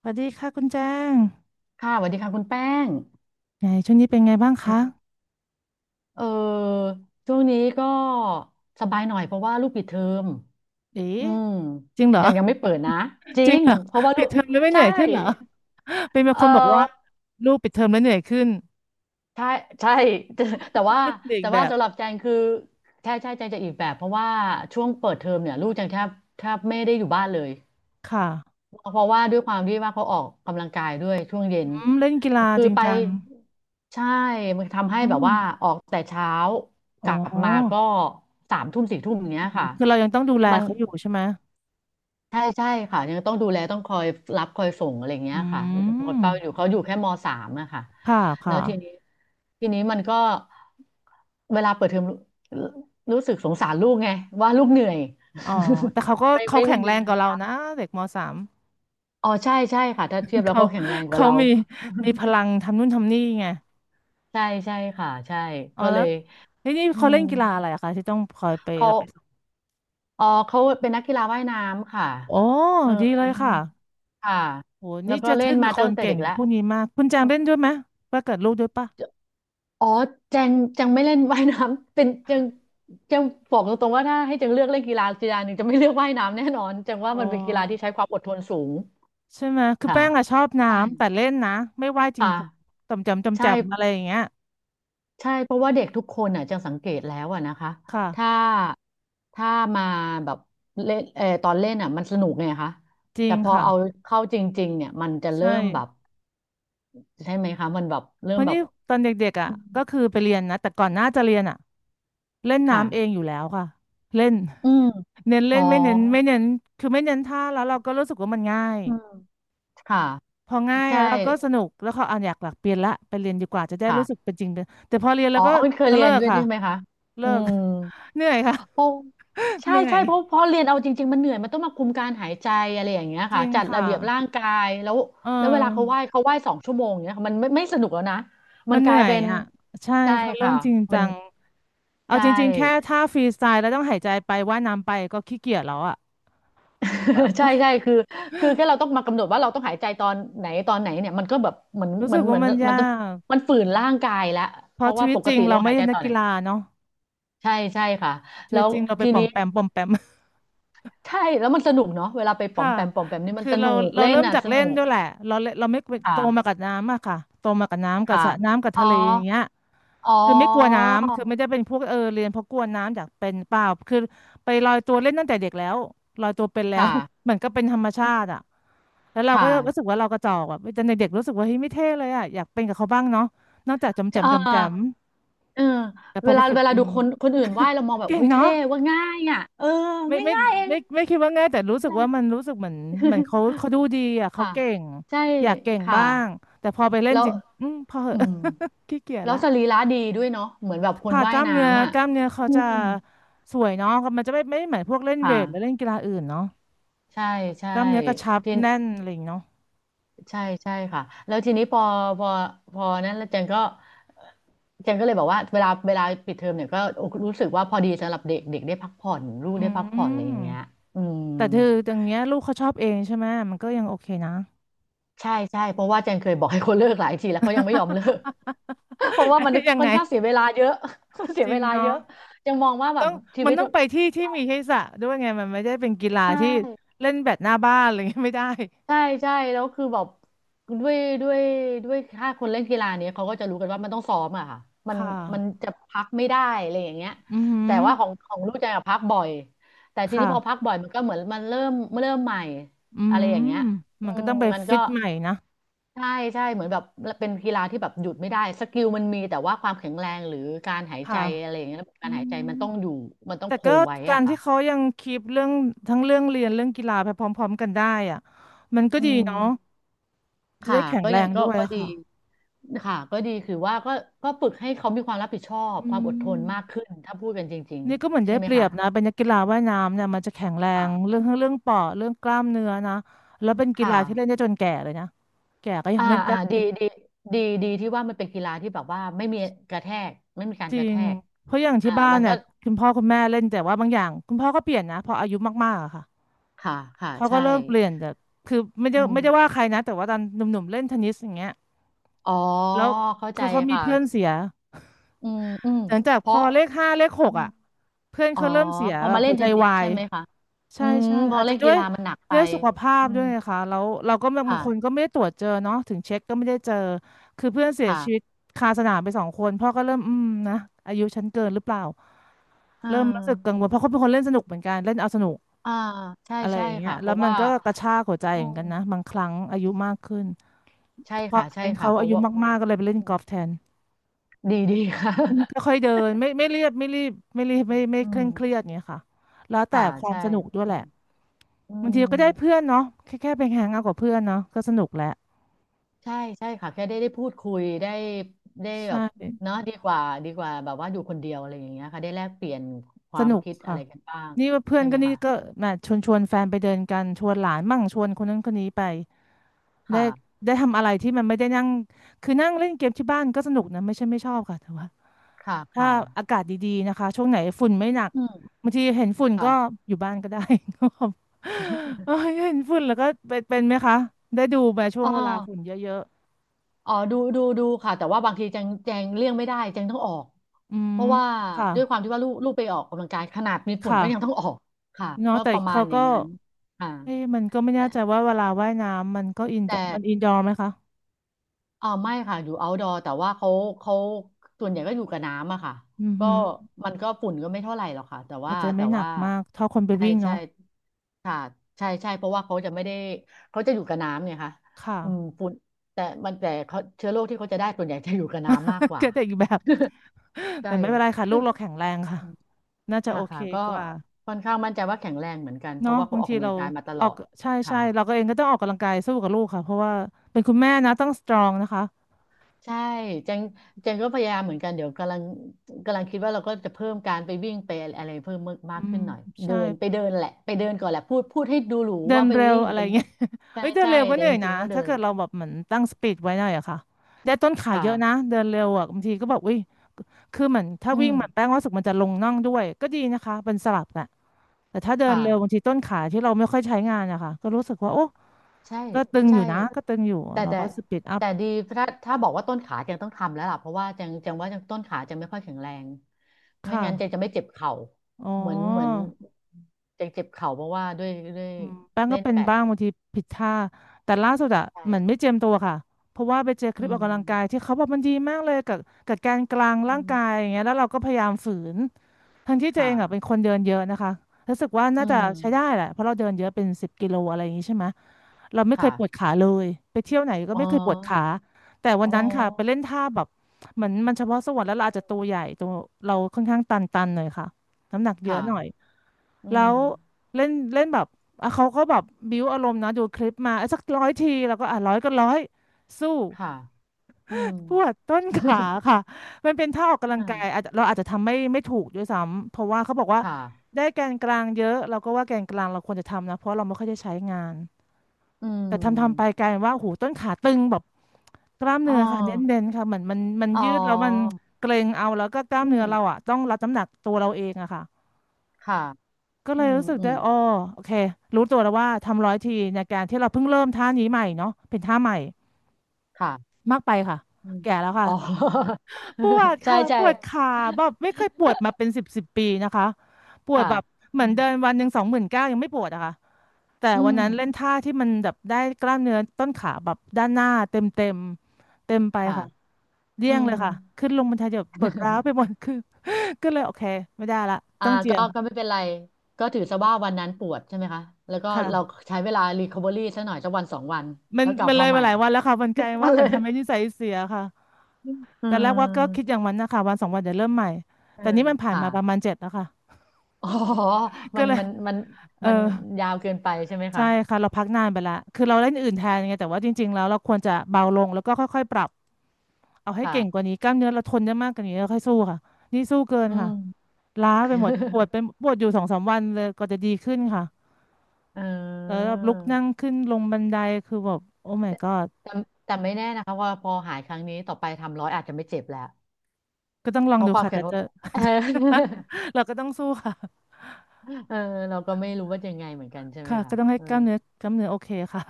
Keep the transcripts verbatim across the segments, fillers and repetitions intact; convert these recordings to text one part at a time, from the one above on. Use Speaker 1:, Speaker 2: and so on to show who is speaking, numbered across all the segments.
Speaker 1: สวัสดีค่ะคุณแจ้ง
Speaker 2: ค่ะสวัสดีค่ะคุณแป้ง
Speaker 1: ไงช่วงนี้เป็นไงบ้าง
Speaker 2: อื
Speaker 1: คะ
Speaker 2: มเออช่วงนี้ก็สบายหน่อยเพราะว่าลูกปิดเทอม
Speaker 1: เอ๊ะ
Speaker 2: อืม
Speaker 1: จริงเหรอ
Speaker 2: ยังยังไม่เปิดนะจ ริ
Speaker 1: จริง
Speaker 2: ง
Speaker 1: เหรอ
Speaker 2: เพราะว่าลู
Speaker 1: ปิด
Speaker 2: ก
Speaker 1: เทอมแล้วไม่เห
Speaker 2: ใช่
Speaker 1: นื่อยขึ้นเหรอเป็นบาง
Speaker 2: เอ
Speaker 1: ค
Speaker 2: อ
Speaker 1: นบอกว่าลูกปิดเทอมแล้วเหนื่อยขึ้น
Speaker 2: ใช่ใช่ แต่ว่า
Speaker 1: เด็ก
Speaker 2: แต่
Speaker 1: แบ
Speaker 2: ว่า
Speaker 1: บ
Speaker 2: สำหรับแจงคือใช่ใช่แจงจะอีกแบบเพราะว่าช่วงเปิดเทอมเนี่ยลูกแจงแทบแทบไม่ได้อยู่บ้านเลย
Speaker 1: ค่ะ
Speaker 2: เพราะว่าด้วยความที่ว่าเขาออกกำลังกายด้วยช่วงเย็
Speaker 1: อื
Speaker 2: น
Speaker 1: มเล่นกีฬา
Speaker 2: คือ
Speaker 1: จริง
Speaker 2: ไป
Speaker 1: จัง
Speaker 2: ใช่มันทำให้
Speaker 1: อื
Speaker 2: แบบ
Speaker 1: ม
Speaker 2: ว่าออกแต่เช้า
Speaker 1: อ๋
Speaker 2: กลับมาก็
Speaker 1: อ
Speaker 2: สามทุ่มสี่ทุ่มอย่างเนี้ยค่ะ
Speaker 1: คือเรายังต้องดูแล
Speaker 2: มัน
Speaker 1: เขาอยู่ใช่ไหม
Speaker 2: ใช่ใช่ค่ะยังต้องดูแลต้องคอยรับคอยส่งอะไรอย่างเงี้ย
Speaker 1: อื
Speaker 2: ค่ะหมด
Speaker 1: ม
Speaker 2: เป้าอยู่เขาอยู่แค่มสามอะค่ะ
Speaker 1: ค่ะ
Speaker 2: แล้
Speaker 1: ค่ะ
Speaker 2: วทีนี้ทีนี้มันก็เวลาเปิดเทอมรู้รู้สึกสงสารลูกไงว่าลูกเหนื่อย
Speaker 1: อ๋อแต่เขาก็
Speaker 2: ไม่
Speaker 1: เขา
Speaker 2: ไม่
Speaker 1: แข็
Speaker 2: ไม่
Speaker 1: งแร
Speaker 2: มีเว
Speaker 1: ง
Speaker 2: ลา
Speaker 1: กว่า
Speaker 2: ไห้
Speaker 1: เรา
Speaker 2: พัก
Speaker 1: นะเด็กมสาม
Speaker 2: อ๋อใช่ใช่ค่ะถ้าเทีย บแล้ว
Speaker 1: เขา
Speaker 2: เขาแข็งแรงกว่า
Speaker 1: เขา
Speaker 2: เรา
Speaker 1: มีมีพลังทำนู่นทำนี่ไง
Speaker 2: ใช่ใช่ค่ะใช่
Speaker 1: อ๋อ
Speaker 2: ก็เล
Speaker 1: แล้ว
Speaker 2: ย
Speaker 1: นี่นี่
Speaker 2: อื
Speaker 1: เขา
Speaker 2: ม
Speaker 1: เล่นกีฬาอะไรอะคะที่ต้องคอยไป
Speaker 2: เขา
Speaker 1: รับ
Speaker 2: อ๋อเขาเป็นนักกีฬาว่ายน้ำค่ะ
Speaker 1: โอ้
Speaker 2: เอ
Speaker 1: ดีเลยค่ะ
Speaker 2: อค่ะ
Speaker 1: โห
Speaker 2: แล้
Speaker 1: นี่
Speaker 2: วก็
Speaker 1: จะ
Speaker 2: เล่น
Speaker 1: ทึ่ง
Speaker 2: มา
Speaker 1: กับค
Speaker 2: ตั้
Speaker 1: น
Speaker 2: งแต่
Speaker 1: เก่
Speaker 2: เด็
Speaker 1: ง
Speaker 2: กแล้ว
Speaker 1: พวกนี้มากคุณแจ
Speaker 2: อ
Speaker 1: งเล่นด้วยไหมว่าเกิดลูกด้วยปะ
Speaker 2: ๋อแจงแจงไม่เล่นว่ายน้ำ เป็นแจงแจงบอกตรงๆว่าถ้าให้แจงเลือกเล่นกีฬากีฬาหนึ่งจะไม่เลือกว่ายน้ำแน่นอนแจงว่า
Speaker 1: อ๋อ
Speaker 2: มันเป็นกีฬาที่ใช้ความอดทนสูง
Speaker 1: ใช่ไหมคือ
Speaker 2: ค่ะ
Speaker 1: แป้งอะชอบ
Speaker 2: ใช่
Speaker 1: น้ำแต่เล่นนะไม่ว่ายจริง
Speaker 2: ค่ะ
Speaker 1: จังต่ำจำจำ
Speaker 2: ใช่
Speaker 1: จำอะไรอย่างเงี้ย
Speaker 2: ใช่เพราะว่าเด็กทุกคนอ่ะจังสังเกตแล้วอ่ะนะคะ
Speaker 1: ค่ะ
Speaker 2: ถ้าถ้ามาแบบเล่นเออตอนเล่นอ่ะมันสนุกไงคะ
Speaker 1: จริ
Speaker 2: แต่
Speaker 1: ง
Speaker 2: พอ
Speaker 1: ค่ะ
Speaker 2: เอาเข้าจริงๆเนี่ยมันจะ
Speaker 1: ใช่
Speaker 2: เริ่มแบบใช่ไหมคะมันแบบ
Speaker 1: เพ
Speaker 2: เริ่ม
Speaker 1: ราะ
Speaker 2: แบ
Speaker 1: นี่
Speaker 2: บ
Speaker 1: ตอนเด็กๆอ่ะ
Speaker 2: อืม
Speaker 1: ก็คือไปเรียนนะแต่ก่อนหน้าจะเรียนอ่ะเล่น
Speaker 2: ค่ะ
Speaker 1: น้ำเองอยู่แล้วค่ะเล่น
Speaker 2: อืม
Speaker 1: เน้นเล่
Speaker 2: อ๋อ
Speaker 1: นไม่เน้นไม่เน้นคือไม่เน้นท่าแล้วเราก็รู้สึกว่ามันง่าย
Speaker 2: อืมค่ะ
Speaker 1: พอง่าย
Speaker 2: ใช่
Speaker 1: แล้วก็สนุกแล้วเขาอ่านอยากหลักเปลี่ยนละไปเรียนดีกว่าจะได้
Speaker 2: ค่ะ
Speaker 1: รู้สึกเป็นจริงเป็นแต่พอเรียนแล้
Speaker 2: อ๋อ
Speaker 1: วก็
Speaker 2: เอาเคย
Speaker 1: ก็
Speaker 2: เรี
Speaker 1: เลิ
Speaker 2: ยน
Speaker 1: ก
Speaker 2: ด้วย
Speaker 1: ค่ะ
Speaker 2: ใช่ไหมคะ
Speaker 1: เลิ
Speaker 2: อื
Speaker 1: ก
Speaker 2: ม
Speaker 1: เหนื่อยค่ะ
Speaker 2: โพ้า ใช่
Speaker 1: เหนื่อ
Speaker 2: ใช่
Speaker 1: ย
Speaker 2: เพราะเพราะเรียนเอาจริงๆมันเหนื่อยมันต้องมาคุมการหายใจอะไรอย่างเงี้ย
Speaker 1: จ
Speaker 2: ค่ะ
Speaker 1: ริง
Speaker 2: จัดระ
Speaker 1: ค่ะ
Speaker 2: เบียบร่างกายแล้ว
Speaker 1: เ
Speaker 2: แล้วเวลาเขาไห
Speaker 1: ออ
Speaker 2: ว้เขาไหว้สองชั่วโมงเนี้ยค่ะมันไม่ไม่สนุกแล้วนะ
Speaker 1: มั
Speaker 2: มัน
Speaker 1: นเห
Speaker 2: กลา
Speaker 1: นื่
Speaker 2: ย
Speaker 1: อย
Speaker 2: เป็น
Speaker 1: อ่ะใช่
Speaker 2: ใช่
Speaker 1: พอเริ่
Speaker 2: ค่ะ
Speaker 1: มจริง
Speaker 2: มั
Speaker 1: จั
Speaker 2: น
Speaker 1: งเอา
Speaker 2: ใช่
Speaker 1: จริงๆแค่ท่าฟรีสไตล์แล้วต้องหายใจไปว่ายน้ำไปก็ขี้เกียจแล้วอ่ะ
Speaker 2: ใช่ใช่ คือคือแค่เราต้องมากำหนดว่าเราต้องหายใจตอนไหนตอนไหนเนี่ยมันก็แบบเหมือน
Speaker 1: รู้
Speaker 2: เหม
Speaker 1: สึ
Speaker 2: อ
Speaker 1: ก
Speaker 2: นเห
Speaker 1: ว่า
Speaker 2: มือน
Speaker 1: มัน
Speaker 2: มั
Speaker 1: ยา
Speaker 2: นต้อง
Speaker 1: ก
Speaker 2: มันฝืนร่างกายแล้ว
Speaker 1: เพ
Speaker 2: เพ
Speaker 1: ราะ
Speaker 2: ราะ
Speaker 1: ชี
Speaker 2: ว่า
Speaker 1: วิ
Speaker 2: ป
Speaker 1: ตจ
Speaker 2: ก
Speaker 1: ริง
Speaker 2: ติ
Speaker 1: เรา
Speaker 2: เรา
Speaker 1: ไม่
Speaker 2: หาย
Speaker 1: ใช่
Speaker 2: ใจ
Speaker 1: นั
Speaker 2: ตอ
Speaker 1: ก
Speaker 2: นไหน
Speaker 1: กีฬาเนาะ
Speaker 2: ใช่ใช่ค่ะ
Speaker 1: ชี
Speaker 2: แล้
Speaker 1: วิต
Speaker 2: ว
Speaker 1: จริงเราไป
Speaker 2: ที
Speaker 1: ป่อ
Speaker 2: นี้
Speaker 1: มแปมป่อมแปม
Speaker 2: ใช่แล้วมันสนุกเนาะเวลาไปป๋อ
Speaker 1: ค่ะ
Speaker 2: มแปมป๋อมแปมนี่มัน
Speaker 1: คือ
Speaker 2: ส
Speaker 1: เรา
Speaker 2: นุก
Speaker 1: เรา
Speaker 2: เล่น
Speaker 1: เริ่ม
Speaker 2: อ่ะ
Speaker 1: จาก
Speaker 2: ส
Speaker 1: เล่
Speaker 2: นุ
Speaker 1: น
Speaker 2: ก
Speaker 1: ด้วยแหละ เราเล่นเราไม่กลัวโตมา
Speaker 2: ค่ะ
Speaker 1: กับน้ำอะค่ะโตมากับน้ำกับส
Speaker 2: ค่ะ
Speaker 1: ระน้ำกับทะ
Speaker 2: อ๋อ
Speaker 1: เลอย่างเงี้ย
Speaker 2: อ๋อ
Speaker 1: คือไม่กลัวน้ำคือไม่ได้เป็นพวกเออเรียนเพราะกลัวน้ำอยากเป็นเปล่าคือไปลอยตัวเล่นตั้งแต่เด็กแล้วลอยตัวเป็นแล้ว
Speaker 2: ค่ะ
Speaker 1: เหมือนก็เป็นธรรมชาติอะแล้วเรา
Speaker 2: ค
Speaker 1: ก็รู้สึก
Speaker 2: ่ะ
Speaker 1: ว่าเรากระจอกอะตอนเด็กๆรู้สึกว่าเฮ้ยไม่เท่เลยอะอยากเป็นกับเขาบ้างเนาะนอกจากจำแจ
Speaker 2: จะ
Speaker 1: ม
Speaker 2: เออ
Speaker 1: จำแจม
Speaker 2: เออ
Speaker 1: แต่พ
Speaker 2: เว
Speaker 1: อไป
Speaker 2: ลา
Speaker 1: ฝึก
Speaker 2: เวลา
Speaker 1: จริ
Speaker 2: ดู
Speaker 1: ง
Speaker 2: คนคนอื่นไหว้เรามองแบบ
Speaker 1: เก่ง
Speaker 2: หุ้ยเท่
Speaker 1: เนาะ
Speaker 2: ว่าง่ายอ่ะเออ
Speaker 1: ไม่
Speaker 2: ง่าย
Speaker 1: ไม่
Speaker 2: ง่ายเอง
Speaker 1: ไม่ไม่คิดว่าง่ายแต่รู้
Speaker 2: อะ
Speaker 1: สึก
Speaker 2: ไร
Speaker 1: ว่ามันรู้สึกเหมือนเหมือนเขาเขาดูดีอ่ะ เขา
Speaker 2: ค่ะ
Speaker 1: เก่ง
Speaker 2: ใช่
Speaker 1: อยากเก่ง
Speaker 2: ค่ะ
Speaker 1: บ้างแต่พอไปเล่น
Speaker 2: แล้
Speaker 1: จ
Speaker 2: ว
Speaker 1: ริงอืมพอเห
Speaker 2: อื
Speaker 1: อะ
Speaker 2: ม
Speaker 1: ขี้เกียจ
Speaker 2: แล้ว
Speaker 1: ละ
Speaker 2: สรีระดีด้วยเนาะเหมือนแบบคน
Speaker 1: ค่ะ
Speaker 2: ว่า
Speaker 1: ก
Speaker 2: ย
Speaker 1: ล้ามเนื้อ
Speaker 2: น้ำอ่ะ
Speaker 1: กล้ามเนื้อเขา
Speaker 2: อื
Speaker 1: จะ
Speaker 2: ม
Speaker 1: สวยเนาะมันจะไม่ไม่เหมือนพวกเล่น
Speaker 2: ค
Speaker 1: เวทหรือเล่น
Speaker 2: ่ะ
Speaker 1: กีฬาอื่นเนาะ
Speaker 2: ใช่ใช่
Speaker 1: กล้ามเนื้อกระชับ
Speaker 2: ที
Speaker 1: แน่นอะไรอย่างเงี้ยเนาะ
Speaker 2: ใช่ใช่ค่ะแล้วทีนี้พอพอพอนั้นแล้วเจนก็เจนก็เลยบอกว่าเวลาเวลาปิดเทอมเนี่ยก็รู้สึกว่าพอดีสำหรับเด็กเด็กได้พักผ่อนลูก
Speaker 1: อื
Speaker 2: ได้พักผ่อนอะไรอ
Speaker 1: ม
Speaker 2: ย่างเงี้ยอืม
Speaker 1: แต่เธอตรงเนี้ยลูกเขาชอบเองใช่ไหมมันก็ยังโอเคนะ
Speaker 2: ใช่ใช่เพราะว่าเจนเคยบอกให้เขาเลิกหลายทีแล้วเขายังไม่ยอมเลิก เพราะว่ามัน
Speaker 1: ยัง
Speaker 2: ค่อ
Speaker 1: ไง
Speaker 2: นข้างเสียเวลาเยอะ มันเสี
Speaker 1: จ
Speaker 2: ย
Speaker 1: ริ
Speaker 2: เว
Speaker 1: ง
Speaker 2: ลาเย
Speaker 1: เนาะ
Speaker 2: อะยังมองว่าแบ
Speaker 1: ต้อ
Speaker 2: บ
Speaker 1: ง
Speaker 2: ชี
Speaker 1: มัน
Speaker 2: วิต
Speaker 1: ต้องไปที่ที่มีให้สระด้วยไงมันไม่ได้เป็นกีฬา
Speaker 2: ใช่
Speaker 1: ที่เล่นแบดหน้าบ้านอะไรเงี้ย ไม่ได้
Speaker 2: ใช่ใช่แล้วคือแบบด้วยด้วยด้วยถ้าคนเล่นกีฬาเนี้ยเขาก็จะรู้กันว่ามันต้องซ้อมอะค่ะมัน
Speaker 1: ค่ะ
Speaker 2: มันจะพักไม่ได้อะไรอย่างเงี้ย
Speaker 1: อือหื
Speaker 2: แต่
Speaker 1: อ
Speaker 2: ว่าของของลูกใจอะพักบ่อยแต่ทีนี้พอพั
Speaker 1: ค่ะ
Speaker 2: กบ่อยมันก็เหมือนมันเริ่มเริ่มใหม่
Speaker 1: อื
Speaker 2: อะไรอย่า
Speaker 1: ม
Speaker 2: งเงี้ยอื
Speaker 1: มันก็
Speaker 2: ม
Speaker 1: ต้องไป
Speaker 2: มัน
Speaker 1: ฟิ
Speaker 2: ก็
Speaker 1: ตใหม่นะ
Speaker 2: ใช่ใช่เหมือนแบบเป็นกีฬาที่แบบหยุดไม่ได้สกิลมันมีแต่ว่าความแข็งแรงหรือการหายใจ
Speaker 1: ค่ะ
Speaker 2: อะไรอย่างเงี้ยระบบ
Speaker 1: อื
Speaker 2: การหายใจมัน
Speaker 1: ม
Speaker 2: ต้องอยู่มันต้อง
Speaker 1: แต่
Speaker 2: ค
Speaker 1: ก็
Speaker 2: งไว้
Speaker 1: กา
Speaker 2: อะ
Speaker 1: ร
Speaker 2: ค่ะ
Speaker 1: ที่เขายังคีปเรื่องทั้งเรื่องเรียนเรื่องกีฬาไปพร้อมๆกันได้อ่ะมันก็
Speaker 2: อื
Speaker 1: ดีเนาะ
Speaker 2: ม
Speaker 1: จะได้
Speaker 2: ค่ะ
Speaker 1: แข็ง
Speaker 2: ก็
Speaker 1: แร
Speaker 2: ยัง
Speaker 1: ง
Speaker 2: ก็
Speaker 1: ด้วย
Speaker 2: ก็ดี
Speaker 1: ค่ะ
Speaker 2: ค่ะก็ดีคือว่าก็ก็ฝึกให้เขามีความรับผิดชอบ
Speaker 1: อื
Speaker 2: ความ
Speaker 1: ม
Speaker 2: อดทนมากขึ้นถ้าพูดกันจริง
Speaker 1: นี่ก็เหมือน
Speaker 2: ๆ
Speaker 1: ได้
Speaker 2: ใช่ไหม
Speaker 1: เปรีย
Speaker 2: คะ
Speaker 1: บนะเป็นนักกีฬาว่ายน้ำเนี่ยมันจะแข็งแรง
Speaker 2: ค่ะ
Speaker 1: เรื่องทั้งเรื่องปอดเรื่องกล้ามเนื้อนะแล้วเป็นกี
Speaker 2: ค่ะ
Speaker 1: ฬาที่เล่นได้จนแก่เลยนะแก่ก็ยัง
Speaker 2: อ่า
Speaker 1: เล่น
Speaker 2: อ่า
Speaker 1: ได้
Speaker 2: ดีดีดีดีที่ว่ามันเป็นกีฬาที่แบบว่าไม่มีกระแทกไม่มีการ
Speaker 1: จ
Speaker 2: ก
Speaker 1: ริ
Speaker 2: ระแท
Speaker 1: ง
Speaker 2: ก
Speaker 1: เพราะอย่าง
Speaker 2: อ่า
Speaker 1: ที่บ้าน
Speaker 2: มันก็
Speaker 1: น่ะคุณพ่อคุณแม่เล่นแต่ว่าบางอย่างคุณพ่อก็เปลี่ยนนะพออายุมากๆอะค่ะ
Speaker 2: ค่ะค่ะ
Speaker 1: เขาก็
Speaker 2: ใช่
Speaker 1: เริ่มเปลี่ยนแต่คือไม่ได้
Speaker 2: อื
Speaker 1: ไม่ได้ว่า
Speaker 2: ม
Speaker 1: ใครนะแต่ว่าตอนหนุ่มๆเล่นเทนนิสอย่างเงี้ย
Speaker 2: อ๋อ
Speaker 1: แล้ว
Speaker 2: เข้าใจ
Speaker 1: คือเขามี
Speaker 2: ค่ะ
Speaker 1: เพื่อนเสีย
Speaker 2: อืมอืม
Speaker 1: หลังจาก
Speaker 2: เพ
Speaker 1: พอ
Speaker 2: ราะ
Speaker 1: เลขห้าเลขหก
Speaker 2: อืม
Speaker 1: อ่ะเพื่อน
Speaker 2: อ๋อ
Speaker 1: เขาเริ่มเสีย
Speaker 2: พอ
Speaker 1: แบ
Speaker 2: มา
Speaker 1: บ
Speaker 2: เล่
Speaker 1: หั
Speaker 2: น
Speaker 1: ว
Speaker 2: เท
Speaker 1: ใจ
Speaker 2: นนิส
Speaker 1: วา
Speaker 2: ใช่
Speaker 1: ย
Speaker 2: ไหมคะอื
Speaker 1: ใช่
Speaker 2: ม
Speaker 1: ใช่
Speaker 2: พอ
Speaker 1: อาจ
Speaker 2: เล่
Speaker 1: จะ
Speaker 2: น
Speaker 1: ด้
Speaker 2: กี
Speaker 1: วย
Speaker 2: ฬามันหนักไป
Speaker 1: ด้วยสุขภาพ
Speaker 2: อื
Speaker 1: ด้
Speaker 2: ม
Speaker 1: วยไงค่ะแล้วเราก็บางคน
Speaker 2: ค่ะ
Speaker 1: ก็ไม่ได้ตรวจเจอเนาะถึงเช็คก็ไม่ได้เจอคือเพื่อนเสีย
Speaker 2: ค่ะ
Speaker 1: ชีวิตคาสนามไปสองคนพ่อก็เริ่มอืมนะอายุฉันเกินหรือเปล่า
Speaker 2: อ่
Speaker 1: เริ่มรู้สึกกัง
Speaker 2: า
Speaker 1: วลเพราะเขาเป็นคนเล่นสนุกเหมือนกันเล่นเอาสนุก
Speaker 2: อ่าใช่
Speaker 1: อะไรอ
Speaker 2: ใช่
Speaker 1: ย่างเงี้ย
Speaker 2: ค่ะเพ
Speaker 1: แล้ว
Speaker 2: ราะ
Speaker 1: มัน
Speaker 2: ว่า
Speaker 1: ก็กระชากหัวใจ
Speaker 2: อื
Speaker 1: เหมือน
Speaker 2: ม
Speaker 1: กันนะบางครั้งอายุมากขึ้น
Speaker 2: ใช่
Speaker 1: ควา
Speaker 2: ค่ะ
Speaker 1: ม
Speaker 2: ใช่
Speaker 1: เป็น
Speaker 2: ค่ะ
Speaker 1: เขา
Speaker 2: เพ
Speaker 1: อา
Speaker 2: ราะ
Speaker 1: ยุ
Speaker 2: ว่าอืม
Speaker 1: มากๆก็เลยไปเล่น
Speaker 2: อื
Speaker 1: ก
Speaker 2: ม
Speaker 1: อล์ฟแทน
Speaker 2: ดีดีค่ะ
Speaker 1: ค่อยๆเดินไม่ไม่เรียบไม่รีบไม่รีบไม่ไม่
Speaker 2: อื
Speaker 1: เคร่
Speaker 2: ม
Speaker 1: งเครียดเงี้ยค่ะแล้วแต่
Speaker 2: ค่ะ
Speaker 1: ความ
Speaker 2: ใช่
Speaker 1: สนุกด้วย
Speaker 2: อื
Speaker 1: แหละ
Speaker 2: มอื
Speaker 1: บาง
Speaker 2: ม
Speaker 1: ทีก็ได้เพื่อนเนาะแค่แค่ไปแฮงเอาท์กับเพื่อนเนาะก็สนุกแหละ
Speaker 2: ใช่ใช่ค่ะแค่ได้ได้พูดคุยได้ได้
Speaker 1: ใช
Speaker 2: แบบ
Speaker 1: ่
Speaker 2: เนาะดีกว่าดีกว่าแบบว่าอยู่คนเดียวอะไรอย่างเงี้ยค่ะได้แลกเปลี่ยนค
Speaker 1: ส
Speaker 2: วาม
Speaker 1: นุก
Speaker 2: คิดอะ
Speaker 1: ค่ะ
Speaker 2: ไรกันบ้าง
Speaker 1: นี่ว่าเพื่อ
Speaker 2: ใช่
Speaker 1: น
Speaker 2: ไห
Speaker 1: ก็
Speaker 2: ม
Speaker 1: นี่
Speaker 2: คะ
Speaker 1: ก็แหมชวนชวนแฟนไปเดินกันชวนหลานมั่งชวนคนนั้นคนนี้ไปได้
Speaker 2: ค่ะ
Speaker 1: ได้ทำอะไรที่มันไม่ได้นั่งคือนั่งเล่นเกมที่บ้านก็สนุกนะไม่ใช่ไม่ชอบค่ะแต่ว่า
Speaker 2: ค่ะ
Speaker 1: ถ้า
Speaker 2: ค่ะ
Speaker 1: อากาศดีๆนะคะช่วงไหนฝุ่นไม่หนัก
Speaker 2: อืม
Speaker 1: บางทีเห็นฝุ่น
Speaker 2: ค่ะ
Speaker 1: ก็อยู่บ้านก็ได้ ครับเอ้ยเห็นฝุ่นแล้วก็เป็นเป็นไหมคะได้ดูไหมช่ว
Speaker 2: อ๋
Speaker 1: ง
Speaker 2: อ
Speaker 1: เวลาฝุ่นเยอะ
Speaker 2: อ๋อดูดูดูค่ะแต่ว่าบางทีแจงแจงเลี่ยงไม่ได้แจงต้องออก
Speaker 1: ๆอื
Speaker 2: เพราะ
Speaker 1: ม
Speaker 2: ว่า
Speaker 1: ค่ะ
Speaker 2: ด้วยความที่ว่าลูกลูกไปออกกำลังกายขนาดมีฝุ่น
Speaker 1: ค่ะ
Speaker 2: ก็ยังต้องออกค่ะ
Speaker 1: เนาะ
Speaker 2: ก็
Speaker 1: แต่
Speaker 2: ประมา
Speaker 1: เขา
Speaker 2: ณอย่า
Speaker 1: ก็
Speaker 2: งนั้นค่ะ
Speaker 1: เอ้ยมันก็ไม่แน่
Speaker 2: แต่
Speaker 1: ใจว่าเวลาว่ายน้ำมันก็อิน
Speaker 2: แต่
Speaker 1: มันอินดอร์ไหมคะ
Speaker 2: เออไม่ค่ะอยู่ outdoor แต่ว่าเขาเขาส่วนใหญ่ก็อยู่กับน้ำอะค่ะ
Speaker 1: อือ
Speaker 2: ก็
Speaker 1: หือ
Speaker 2: มันก็ฝุ่นก็ไม่เท่าไหร่หรอกค่ะแต่
Speaker 1: อา
Speaker 2: ว่า
Speaker 1: จจะไม่
Speaker 2: แต่
Speaker 1: หนั
Speaker 2: ว่า
Speaker 1: กมากเท่าคนไป
Speaker 2: ใช่
Speaker 1: วิ่ง
Speaker 2: ใช่
Speaker 1: เนาะ
Speaker 2: ค่ะใช่ใช่เพราะว่าเขาจะไม่ได้เขาจะอยู่กับน้ำเนี่ยค่ะ
Speaker 1: ค่ะ
Speaker 2: อืมฝุ่นแต่มันแต่เขาเชื้อโรคที่เขาจะได้ส่วนใหญ่จะอยู่กับน้ำมากก ว่า
Speaker 1: ก็แต่อีกแบบ
Speaker 2: ใช่
Speaker 1: แต่ไม่เป็นไรค่ะ
Speaker 2: ค
Speaker 1: ลูกเราแข็งแรงค่ะน่าจะโอ
Speaker 2: ่ะ
Speaker 1: เค
Speaker 2: ค่ะก็
Speaker 1: กว่า
Speaker 2: ค่อนข้างมั่นใจว่าแข็งแรงเหมือนกันเพ
Speaker 1: เนาะ
Speaker 2: ราะว่าเขา
Speaker 1: บาง
Speaker 2: ออก
Speaker 1: ที
Speaker 2: กำลั
Speaker 1: เรา
Speaker 2: งกายมาต
Speaker 1: อ
Speaker 2: ล
Speaker 1: อ
Speaker 2: อ
Speaker 1: ก
Speaker 2: ด
Speaker 1: ใช่
Speaker 2: ค่ะ
Speaker 1: ใช่เราก็เองก็ต้องออกกำลังกายสู้กับลูกค่ะเพราะว่าเป็นคุณแม่นะต้องสตรองนะคะ
Speaker 2: ใช่เจงเจงก็พยายามเหมือนกันเดี๋ยวกำลังกำลังคิดว่าเราก็จะเพิ่มการไปวิ่งไปอะไรเพิ่มมา
Speaker 1: อื
Speaker 2: ก
Speaker 1: ม
Speaker 2: ขึ้นหน่อย
Speaker 1: ใช่
Speaker 2: เดินไปเดินแหละไปเดินก่อนแหละพูดพูดให้ดูหรู
Speaker 1: เดิ
Speaker 2: ว่า
Speaker 1: น
Speaker 2: ไป
Speaker 1: เร็ว
Speaker 2: วิ่ง
Speaker 1: อะไร
Speaker 2: แต่
Speaker 1: เงี้ย
Speaker 2: ใช่
Speaker 1: เอ้ยเดิน
Speaker 2: ใช่
Speaker 1: เร็วก็
Speaker 2: แต่
Speaker 1: เหนื่อ
Speaker 2: จ
Speaker 1: ยนะ
Speaker 2: ริงๆก็เดิ
Speaker 1: ถ้า
Speaker 2: น
Speaker 1: เกิดเราแบบเหมือนตั้งสปีดไว้หน่อยอะค่ะได้ต้นขาเย
Speaker 2: ค่ะ
Speaker 1: อะนะเดินเร็วอะบางทีก็แบบอุ้ย คือเหมือนถ้า
Speaker 2: อื
Speaker 1: วิ่ง
Speaker 2: ม
Speaker 1: มันแป้งรู้สึกมันจะลงน่องด้วยก็ดีนะคะเป็นสลับน่ะแต่ถ้าเดิ
Speaker 2: ค
Speaker 1: นเร็วบาง
Speaker 2: ่ะ
Speaker 1: ทีต้นขาที่เราไม่ค่อยใช้งานอะค่ะก็รู้สึกว่าโอ้
Speaker 2: ใช่
Speaker 1: ก็ตึงอ
Speaker 2: ใช่
Speaker 1: ยู่นะก็ตึงอยู่
Speaker 2: แต่
Speaker 1: เรา
Speaker 2: แต่
Speaker 1: ก็สปีดอัพ
Speaker 2: แต่ดีถ้าถ้าบอกว่าต้นขาเจงต้องทำแล้วล่ะเพราะว่าเจงเจงว่าเจงต้นขาเจงไม่ค่อยแข็งแรงไม่งั้นเจง
Speaker 1: ค่ะ
Speaker 2: จะไม่เจ็บเข่า
Speaker 1: อ๋
Speaker 2: เหมือนเหมือน
Speaker 1: อ
Speaker 2: เจงเจ็บเข่าเพราะว่าด้วยด้วย
Speaker 1: อืมแป้ง
Speaker 2: เล่
Speaker 1: ก็
Speaker 2: น
Speaker 1: เป็น
Speaker 2: แบด
Speaker 1: บ้างบางทีผิดท่าแต่ล่าสุดอะ
Speaker 2: ใช่
Speaker 1: เหมือนไม่เจียมตัวค่ะเพราะว่าไปเจอค
Speaker 2: อื
Speaker 1: ลิปออ
Speaker 2: ม
Speaker 1: กกำลังกายที่เขาบอกมันดีมากเลยกับกับการกลาง
Speaker 2: อื
Speaker 1: ร่างกาย
Speaker 2: ม
Speaker 1: อย่างเงี้ยแล้วเราก็พยายามฝืนทั้งที่ตัวเอ
Speaker 2: ค่ะ
Speaker 1: งอะเป็นคนเดินเยอะนะคะรู้สึกว่า
Speaker 2: อื
Speaker 1: น่าจะ
Speaker 2: ม
Speaker 1: ใช้ได้แหละเพราะเราเดินเยอะเป็นสิบกิโลอะไรอย่างงี้ใช่ไหม เราไม่เค
Speaker 2: ค่ะ
Speaker 1: ยปวดขาเลยไปเที่ยวไหนก็
Speaker 2: อ๋อ
Speaker 1: ไม่เคยปวดขาแต่วัน
Speaker 2: อ๋อ
Speaker 1: นั้นค่ะไปเล่นท่าแบบเหมือนมันเฉพาะส่วนแล้วเรา
Speaker 2: อื
Speaker 1: อาจจะ
Speaker 2: ม
Speaker 1: ตัวใหญ่ตัวเราค่อนข้างตันตันหน่อยค่ะน้ำหนักเยอะ
Speaker 2: ค่ะ
Speaker 1: หน่อย
Speaker 2: อื
Speaker 1: แล้
Speaker 2: ม
Speaker 1: วเล่นเล่นแบบอ่ะเขาก็แบบบิวอารมณ์นะดูคลิปมาอ่ะสักร้อยทีแล้วก็อ่ะร้อยก็ร้อยสู้
Speaker 2: ค่ะอืม
Speaker 1: ปวดต้นขา ค่ะมันเป็นท่าออกกำลัง
Speaker 2: อ่า
Speaker 1: กายอาจจะเราอาจจะทำไม่ไม่ถูกด้วยซ้ำเพราะว่าเขาบอกว่า
Speaker 2: ค่ะ
Speaker 1: ได้แกนกลางเยอะเราก็ว่าแกนกลางเราควรจะทำนะเพราะเราไม่ค่อยได้ใช้งาน
Speaker 2: อื
Speaker 1: แต่ทำทำไป
Speaker 2: ม
Speaker 1: กลายเป็นว่าโอ้โหต้นขาตึงแบบกล้าม
Speaker 2: อ๋อ
Speaker 1: เนื้อค่ะเน้นๆค่ะเหมือนมันมัน
Speaker 2: อ๋อ
Speaker 1: ยืดแล้วมันเกร็งเอาแล้วก็กล้าม
Speaker 2: อื
Speaker 1: เนื้อเรา
Speaker 2: ม
Speaker 1: อ่ะต้องรับน้ำหนักตัวเราเองอะค่ะ
Speaker 2: ค่ะ
Speaker 1: ก็
Speaker 2: อื
Speaker 1: เลย
Speaker 2: ม
Speaker 1: รู้สึก
Speaker 2: อื
Speaker 1: ได้
Speaker 2: ม
Speaker 1: อ๋อโอเครู้ตัวแล้วว่าทำร้อยทีในการที่เราเพิ่งเริ่มท่านี้ใหม่เนาะเป็นท่าใหม่
Speaker 2: ค่ะ
Speaker 1: มากไปค่ะ
Speaker 2: อืม
Speaker 1: แก่แล้ว
Speaker 2: อ๋อ
Speaker 1: ค่ะ ป วด
Speaker 2: ใช่
Speaker 1: ค่ะป
Speaker 2: ใช่
Speaker 1: ว่ดขาแบบไม่เคยปวดมาเป็นสิบสิบปีนะคะปวด
Speaker 2: ค่ะ
Speaker 1: แบบเหมื
Speaker 2: อื
Speaker 1: อน
Speaker 2: ม
Speaker 1: เดินวันหนึ่งสองหมื่นเก้ายังไม่ปวดอะค่ะแต่
Speaker 2: อื
Speaker 1: วัน
Speaker 2: ม
Speaker 1: นั้นเล่นท่าที่มันแบบได้กล้ามเนื้อต้นขาแบบด้านหน้าเต็มเต็มเต็มไป
Speaker 2: ค่ะ
Speaker 1: ค่ะเดี้
Speaker 2: อื
Speaker 1: ยงเล
Speaker 2: ม
Speaker 1: ยค่ะขึ้นลงบันไดเดี๋ยวปวดร้าว ไปหมด คือ ก็เลยโอเคไม่ได้ละ
Speaker 2: อ่า
Speaker 1: ต้องเจี
Speaker 2: ก็
Speaker 1: ยม
Speaker 2: ก็ไม่เป็นไรก็ถือซะว่าวันนั้นปวดใช่ไหมคะแล้วก็เรา
Speaker 1: ค่ะ
Speaker 2: ใช้เวลา รีคัฟเวอรี่ สักหน่อยสักวันสองวัน
Speaker 1: มัน
Speaker 2: แล้วกลับ
Speaker 1: มันเล
Speaker 2: มา
Speaker 1: ย
Speaker 2: ให
Speaker 1: มา
Speaker 2: ม่
Speaker 1: หลายวันแล้วค่ะมันกลาย
Speaker 2: มา
Speaker 1: ว่าเห
Speaker 2: เล
Speaker 1: มือน
Speaker 2: ย
Speaker 1: ทำให้นิสัยเสียค่ะ
Speaker 2: อื
Speaker 1: แต่แรกว่าก็คิดอ
Speaker 2: ม
Speaker 1: ย่างนันนะคะวันสองวันเดี๋ยวเริ่มใหม่
Speaker 2: เอ
Speaker 1: แต่นี่
Speaker 2: อ
Speaker 1: มันผ่าน
Speaker 2: ค่ะ
Speaker 1: มาประมาณเจ็ด แล้วค่ะ
Speaker 2: อ๋อมั
Speaker 1: ก็
Speaker 2: น
Speaker 1: เลย
Speaker 2: มันมัน
Speaker 1: เออ
Speaker 2: มันยาวเกินไปใช่ไหม
Speaker 1: ใช่
Speaker 2: คะ
Speaker 1: ค่ะเราพักนานไปละคือเราเล่นอื่นแทนไงแต่ว่าจริงๆแล้วเราควรจะเบาลงแล้วก็ค่อยๆปรับเอาให้เก่งกว่า
Speaker 2: ค่ะ
Speaker 1: นี้กล้ามเนื้อเราทนได้มากกว่านี้เราค่อยสู้ค่ะนี่สู้เกิน
Speaker 2: อื
Speaker 1: ค่ะ
Speaker 2: ม
Speaker 1: ล้าไปหมดปวดไป ปวดอยู่สองสามวันเลยก็จะดีขึ้นค่ะ
Speaker 2: เออ
Speaker 1: แล้วแบบลุกนั่งขึ้นลงบันไดคือแบบโอ้ my
Speaker 2: แต่
Speaker 1: god
Speaker 2: แต่แต่ไม่แน่นะคะว่าพอหายครั้งนี้ต่อไปทำร้อยอาจจะไม่เจ็บแล้ว
Speaker 1: ก็ต้องลอ
Speaker 2: เพ
Speaker 1: งดู
Speaker 2: ราะความ
Speaker 1: ค่ะ
Speaker 2: แข็
Speaker 1: แต่
Speaker 2: ง
Speaker 1: จะ
Speaker 2: เออ
Speaker 1: เราก็ต้องสู้ค่ะ
Speaker 2: เออเราก็ไม่รู้ว่ายังไงเหมือนกันใช่ไหม
Speaker 1: ค่ะก็
Speaker 2: คะ
Speaker 1: ต้องให้
Speaker 2: เออ
Speaker 1: กล้ามเนื้อกล้ามเนื้อโอเคค่ะ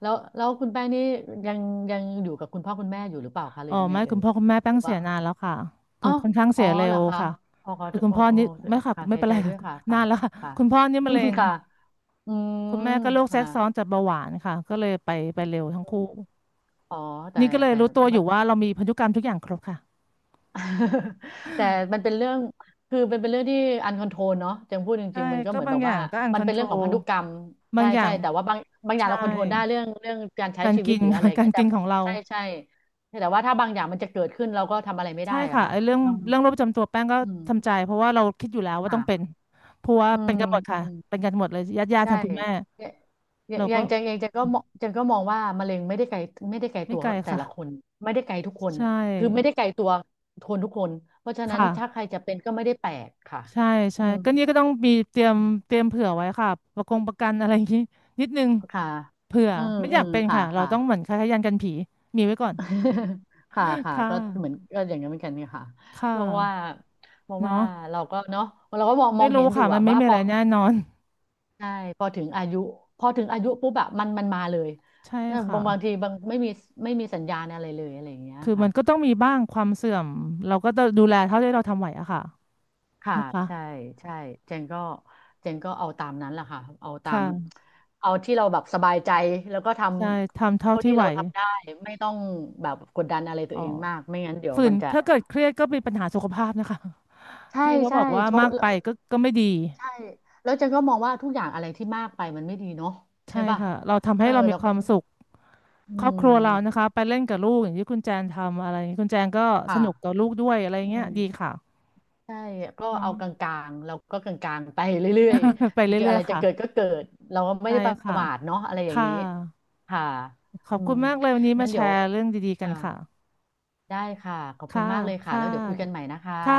Speaker 2: แล้วแล้วคุณแป้งนี่ยังยังอยู่กับคุณพ่อคุณแม่อยู่หรือเปล่าคะหรื
Speaker 1: อ๋
Speaker 2: อ
Speaker 1: อ
Speaker 2: ยังไง
Speaker 1: ไม่
Speaker 2: เอ่
Speaker 1: คุณ
Speaker 2: ย
Speaker 1: พ่อคุณแม่
Speaker 2: ห
Speaker 1: แป้
Speaker 2: รื
Speaker 1: ง
Speaker 2: อ
Speaker 1: เสี
Speaker 2: ว่า
Speaker 1: ยนานแล้วค่ะ
Speaker 2: อ๋
Speaker 1: คื
Speaker 2: อ
Speaker 1: อค่อนข้าง
Speaker 2: อ๋
Speaker 1: เสี
Speaker 2: อ
Speaker 1: ยเร็
Speaker 2: เหร
Speaker 1: ว
Speaker 2: อคะ
Speaker 1: ค่ะ
Speaker 2: อ๋อขอ
Speaker 1: คื
Speaker 2: โท
Speaker 1: อ
Speaker 2: ษ
Speaker 1: คุณ
Speaker 2: โอ้
Speaker 1: พ่อ
Speaker 2: โอ้
Speaker 1: นี่ไม่ค่ะ
Speaker 2: ค่ะ
Speaker 1: ไม่
Speaker 2: เสีย
Speaker 1: เป็น
Speaker 2: ใจ
Speaker 1: ไร
Speaker 2: ด้ว
Speaker 1: ค่ะ
Speaker 2: ยค่ะ
Speaker 1: นา
Speaker 2: ค่ะ
Speaker 1: นแล้วค่ะ
Speaker 2: ค่ะ
Speaker 1: คุณพ่อนี่มะเร็ง
Speaker 2: ค่ะอืม
Speaker 1: คุณแม่ก็โรคแทร
Speaker 2: ค่ะ
Speaker 1: กซ้อนจากเบาหวานค่ะก็เลยไปไปเร็วทั้งคู่
Speaker 2: อ๋อแต่
Speaker 1: นี่ก็เลย
Speaker 2: แต่
Speaker 1: รู้ตัวอยู่ว่าเรามีพันธุกรรมทุกอย่างครบค่ะ
Speaker 2: แต่มันเป็นเรื่อง คือมันเป็นเรื่องที่อันคอนโทรลเนาะจังพูดจ
Speaker 1: ใช่
Speaker 2: ริงๆมันก็
Speaker 1: ก็
Speaker 2: เหมือน
Speaker 1: บา
Speaker 2: แบ
Speaker 1: ง
Speaker 2: บ
Speaker 1: อย่า
Speaker 2: ว่า
Speaker 1: งก็อันค
Speaker 2: มัน
Speaker 1: อน
Speaker 2: เป็น
Speaker 1: โทร
Speaker 2: เรื่องขอ
Speaker 1: ล
Speaker 2: งพันธุกรรม
Speaker 1: บา
Speaker 2: ใช่
Speaker 1: งอย่า
Speaker 2: ใช่
Speaker 1: ง
Speaker 2: แต่ว่าบางบางอย่าง
Speaker 1: ใช่
Speaker 2: เราคอนโทรลได้เรื่องเรื่องการใช้
Speaker 1: การ
Speaker 2: ชีวิต
Speaker 1: กิน
Speaker 2: หรือ อะไร
Speaker 1: ค่ะ
Speaker 2: อย่า ง
Speaker 1: การ
Speaker 2: เงี้ยแต่
Speaker 1: กินของเรา
Speaker 2: ใช่ใช่แต่ว่าถ้าบางอย่างมันจะเกิดขึ้นเราก็ทำอะไรไม่ได้
Speaker 1: ใช่
Speaker 2: อะ
Speaker 1: ค่ะ
Speaker 2: ค่ะ
Speaker 1: ไอ้เรื่อง
Speaker 2: ต้อง
Speaker 1: เรื่องโรคประจำตัวแป้งก็
Speaker 2: อืม
Speaker 1: ทำใจเพราะว่าเราคิดอยู่แล้วว่าต้องเป็น
Speaker 2: ค่ะ
Speaker 1: เพราะว่า
Speaker 2: อื
Speaker 1: เป็น
Speaker 2: ม
Speaker 1: กันหมด
Speaker 2: อื
Speaker 1: ค่ะ
Speaker 2: ม
Speaker 1: เป็นกันหมดเลยญาติญาติทา
Speaker 2: ใช่
Speaker 1: งคุณแม่
Speaker 2: อย่า
Speaker 1: เรา
Speaker 2: อย่า
Speaker 1: ก็
Speaker 2: งอย่างจังอย่างจังก็มองจังก็มองว่ามะเร็งไม่ได้ไกลไม่ได้ไกล
Speaker 1: ไม่
Speaker 2: ตัว
Speaker 1: ไกล
Speaker 2: แต่
Speaker 1: ค่ะ
Speaker 2: ละคนไม่ได้ไกลทุกคน
Speaker 1: ใช
Speaker 2: คือไม่ได้
Speaker 1: ่
Speaker 2: ไกลตัวคนทุกคนเพราะฉะ
Speaker 1: ค
Speaker 2: นั้นถ้าใคร
Speaker 1: ่ะ
Speaker 2: จะเป็นก็ไม่ได้แปลกค่ะ
Speaker 1: ใช่ใช่
Speaker 2: อืม
Speaker 1: ก็นี่ก็ต้องมีเตรีย
Speaker 2: อื
Speaker 1: มเต
Speaker 2: ม
Speaker 1: รียมเผื่อไว้ค่ะประกงประกันอะไร
Speaker 2: อื
Speaker 1: อย่างนี้
Speaker 2: ม
Speaker 1: นิดนึง
Speaker 2: ค่ะ
Speaker 1: เผื่อ
Speaker 2: อืม
Speaker 1: ไม่อ
Speaker 2: อื
Speaker 1: ยาก
Speaker 2: ม
Speaker 1: เป็น
Speaker 2: ค่ะ
Speaker 1: ค่ะเรา
Speaker 2: ค่ะ
Speaker 1: ต้องเหมือนคล้ายๆยันกันผีมีไว้ก่อน
Speaker 2: ค่ะค่ะ
Speaker 1: ค่ะ
Speaker 2: ก็เหมือนก็อย่างนั้นเหมือนกันเนี่ยค่ะ
Speaker 1: ค่ะ
Speaker 2: เพราะว่าเพราะว่า
Speaker 1: เนาะ
Speaker 2: เราก็เนาะเราก็มองม
Speaker 1: ไม่
Speaker 2: อง
Speaker 1: รู้
Speaker 2: เห็นอยู่
Speaker 1: ค่ะมั
Speaker 2: อะ
Speaker 1: นไม่
Speaker 2: ว่า
Speaker 1: มี
Speaker 2: พ
Speaker 1: อะ
Speaker 2: อ
Speaker 1: ไรแน่นอน
Speaker 2: ใช่พอถึงอายุพอถึงอายุปุ๊บอะมันมันมาเลย
Speaker 1: ใช่
Speaker 2: ถ้า
Speaker 1: ค่ะ
Speaker 2: บางบางทีบางไม่มีไม่มีสัญญาณอะไรเลยอะไรอย่างเงี้ย
Speaker 1: คือมั
Speaker 2: ค่ะ
Speaker 1: นก็ต้องมีบ้างความเสื่อมเราก็ต้องดูแลเท่าที่เราทำไหวอะค่ะ
Speaker 2: ค่ะ
Speaker 1: นะคะ
Speaker 2: ใช่ใช่เจนก็เจนก็เอาตามนั้นแหละค่ะเอาตาม
Speaker 1: ค่ะ
Speaker 2: เอาที่เราแบบสบายใจแล้วก็ท
Speaker 1: ใช่ทำ
Speaker 2: ำ
Speaker 1: เท่า
Speaker 2: เท่า
Speaker 1: ที่
Speaker 2: ที่
Speaker 1: ไหว
Speaker 2: เราทำได้ไม่ต้องแบบกดดันอะไรตั
Speaker 1: อ๋
Speaker 2: ว
Speaker 1: อ
Speaker 2: เองมากไม่งั้นเดี๋ยว
Speaker 1: ฝืน
Speaker 2: มันจะ
Speaker 1: ถ้าเกิดเครียดก็เป็นปัญหาสุขภาพนะคะ
Speaker 2: ใช่
Speaker 1: ที่เขาบ
Speaker 2: ใช่
Speaker 1: อกว่า
Speaker 2: เพ
Speaker 1: มา
Speaker 2: ราะ
Speaker 1: กไปก็ก็ไม่ดี
Speaker 2: ใช่แล้วเจนก็มองว่าทุกอย่างอะไรที่มากไปมันไม่ดีเนาะใช่
Speaker 1: ใช่
Speaker 2: ป่ะ
Speaker 1: ค่ะเราทำ
Speaker 2: เอ
Speaker 1: ให้
Speaker 2: อ
Speaker 1: เรามี
Speaker 2: แล้ว
Speaker 1: ค
Speaker 2: ก็
Speaker 1: วามสุข
Speaker 2: อื
Speaker 1: ครอบครัวเรานะ
Speaker 2: ม
Speaker 1: คะไปเล่นกับลูกอย่างที่คุณแจนทำอะไรอย่างนี้คุณแจนก็สนุกกับ
Speaker 2: ค่ะ
Speaker 1: ลูกด้วยอะไร
Speaker 2: อื
Speaker 1: เงี้ย
Speaker 2: ม
Speaker 1: ดีค่ะ
Speaker 2: ใช่ก็
Speaker 1: เน้อ
Speaker 2: เอา
Speaker 1: ง
Speaker 2: กลางๆเราก็กลางๆไปเรื่อย
Speaker 1: ไป
Speaker 2: ๆมันจะ
Speaker 1: เรื่
Speaker 2: อะ
Speaker 1: อ
Speaker 2: ไร
Speaker 1: ยๆ
Speaker 2: จะ
Speaker 1: ค่ะ
Speaker 2: เกิดก็เกิดเราก็ไม่
Speaker 1: ใช่
Speaker 2: ได้ป
Speaker 1: ค่ะ
Speaker 2: ระมาทเนาะอะไรอย่าง
Speaker 1: ค่ะ
Speaker 2: นี้ค่ะ
Speaker 1: ขอ
Speaker 2: อื
Speaker 1: บคุ
Speaker 2: ม
Speaker 1: ณมากเลยวันนี้มา
Speaker 2: งั้น
Speaker 1: แช
Speaker 2: เดี๋ยว
Speaker 1: ร์เรื่องดีๆกัน
Speaker 2: อ่า
Speaker 1: ค่ะ
Speaker 2: ได้ค่ะขอบคุ
Speaker 1: ค่ะ
Speaker 2: ณมากเลยค่ะ
Speaker 1: ค่ะ
Speaker 2: แล้วเดี๋ยวคุยกันใหม่นะคะ
Speaker 1: ค่ะ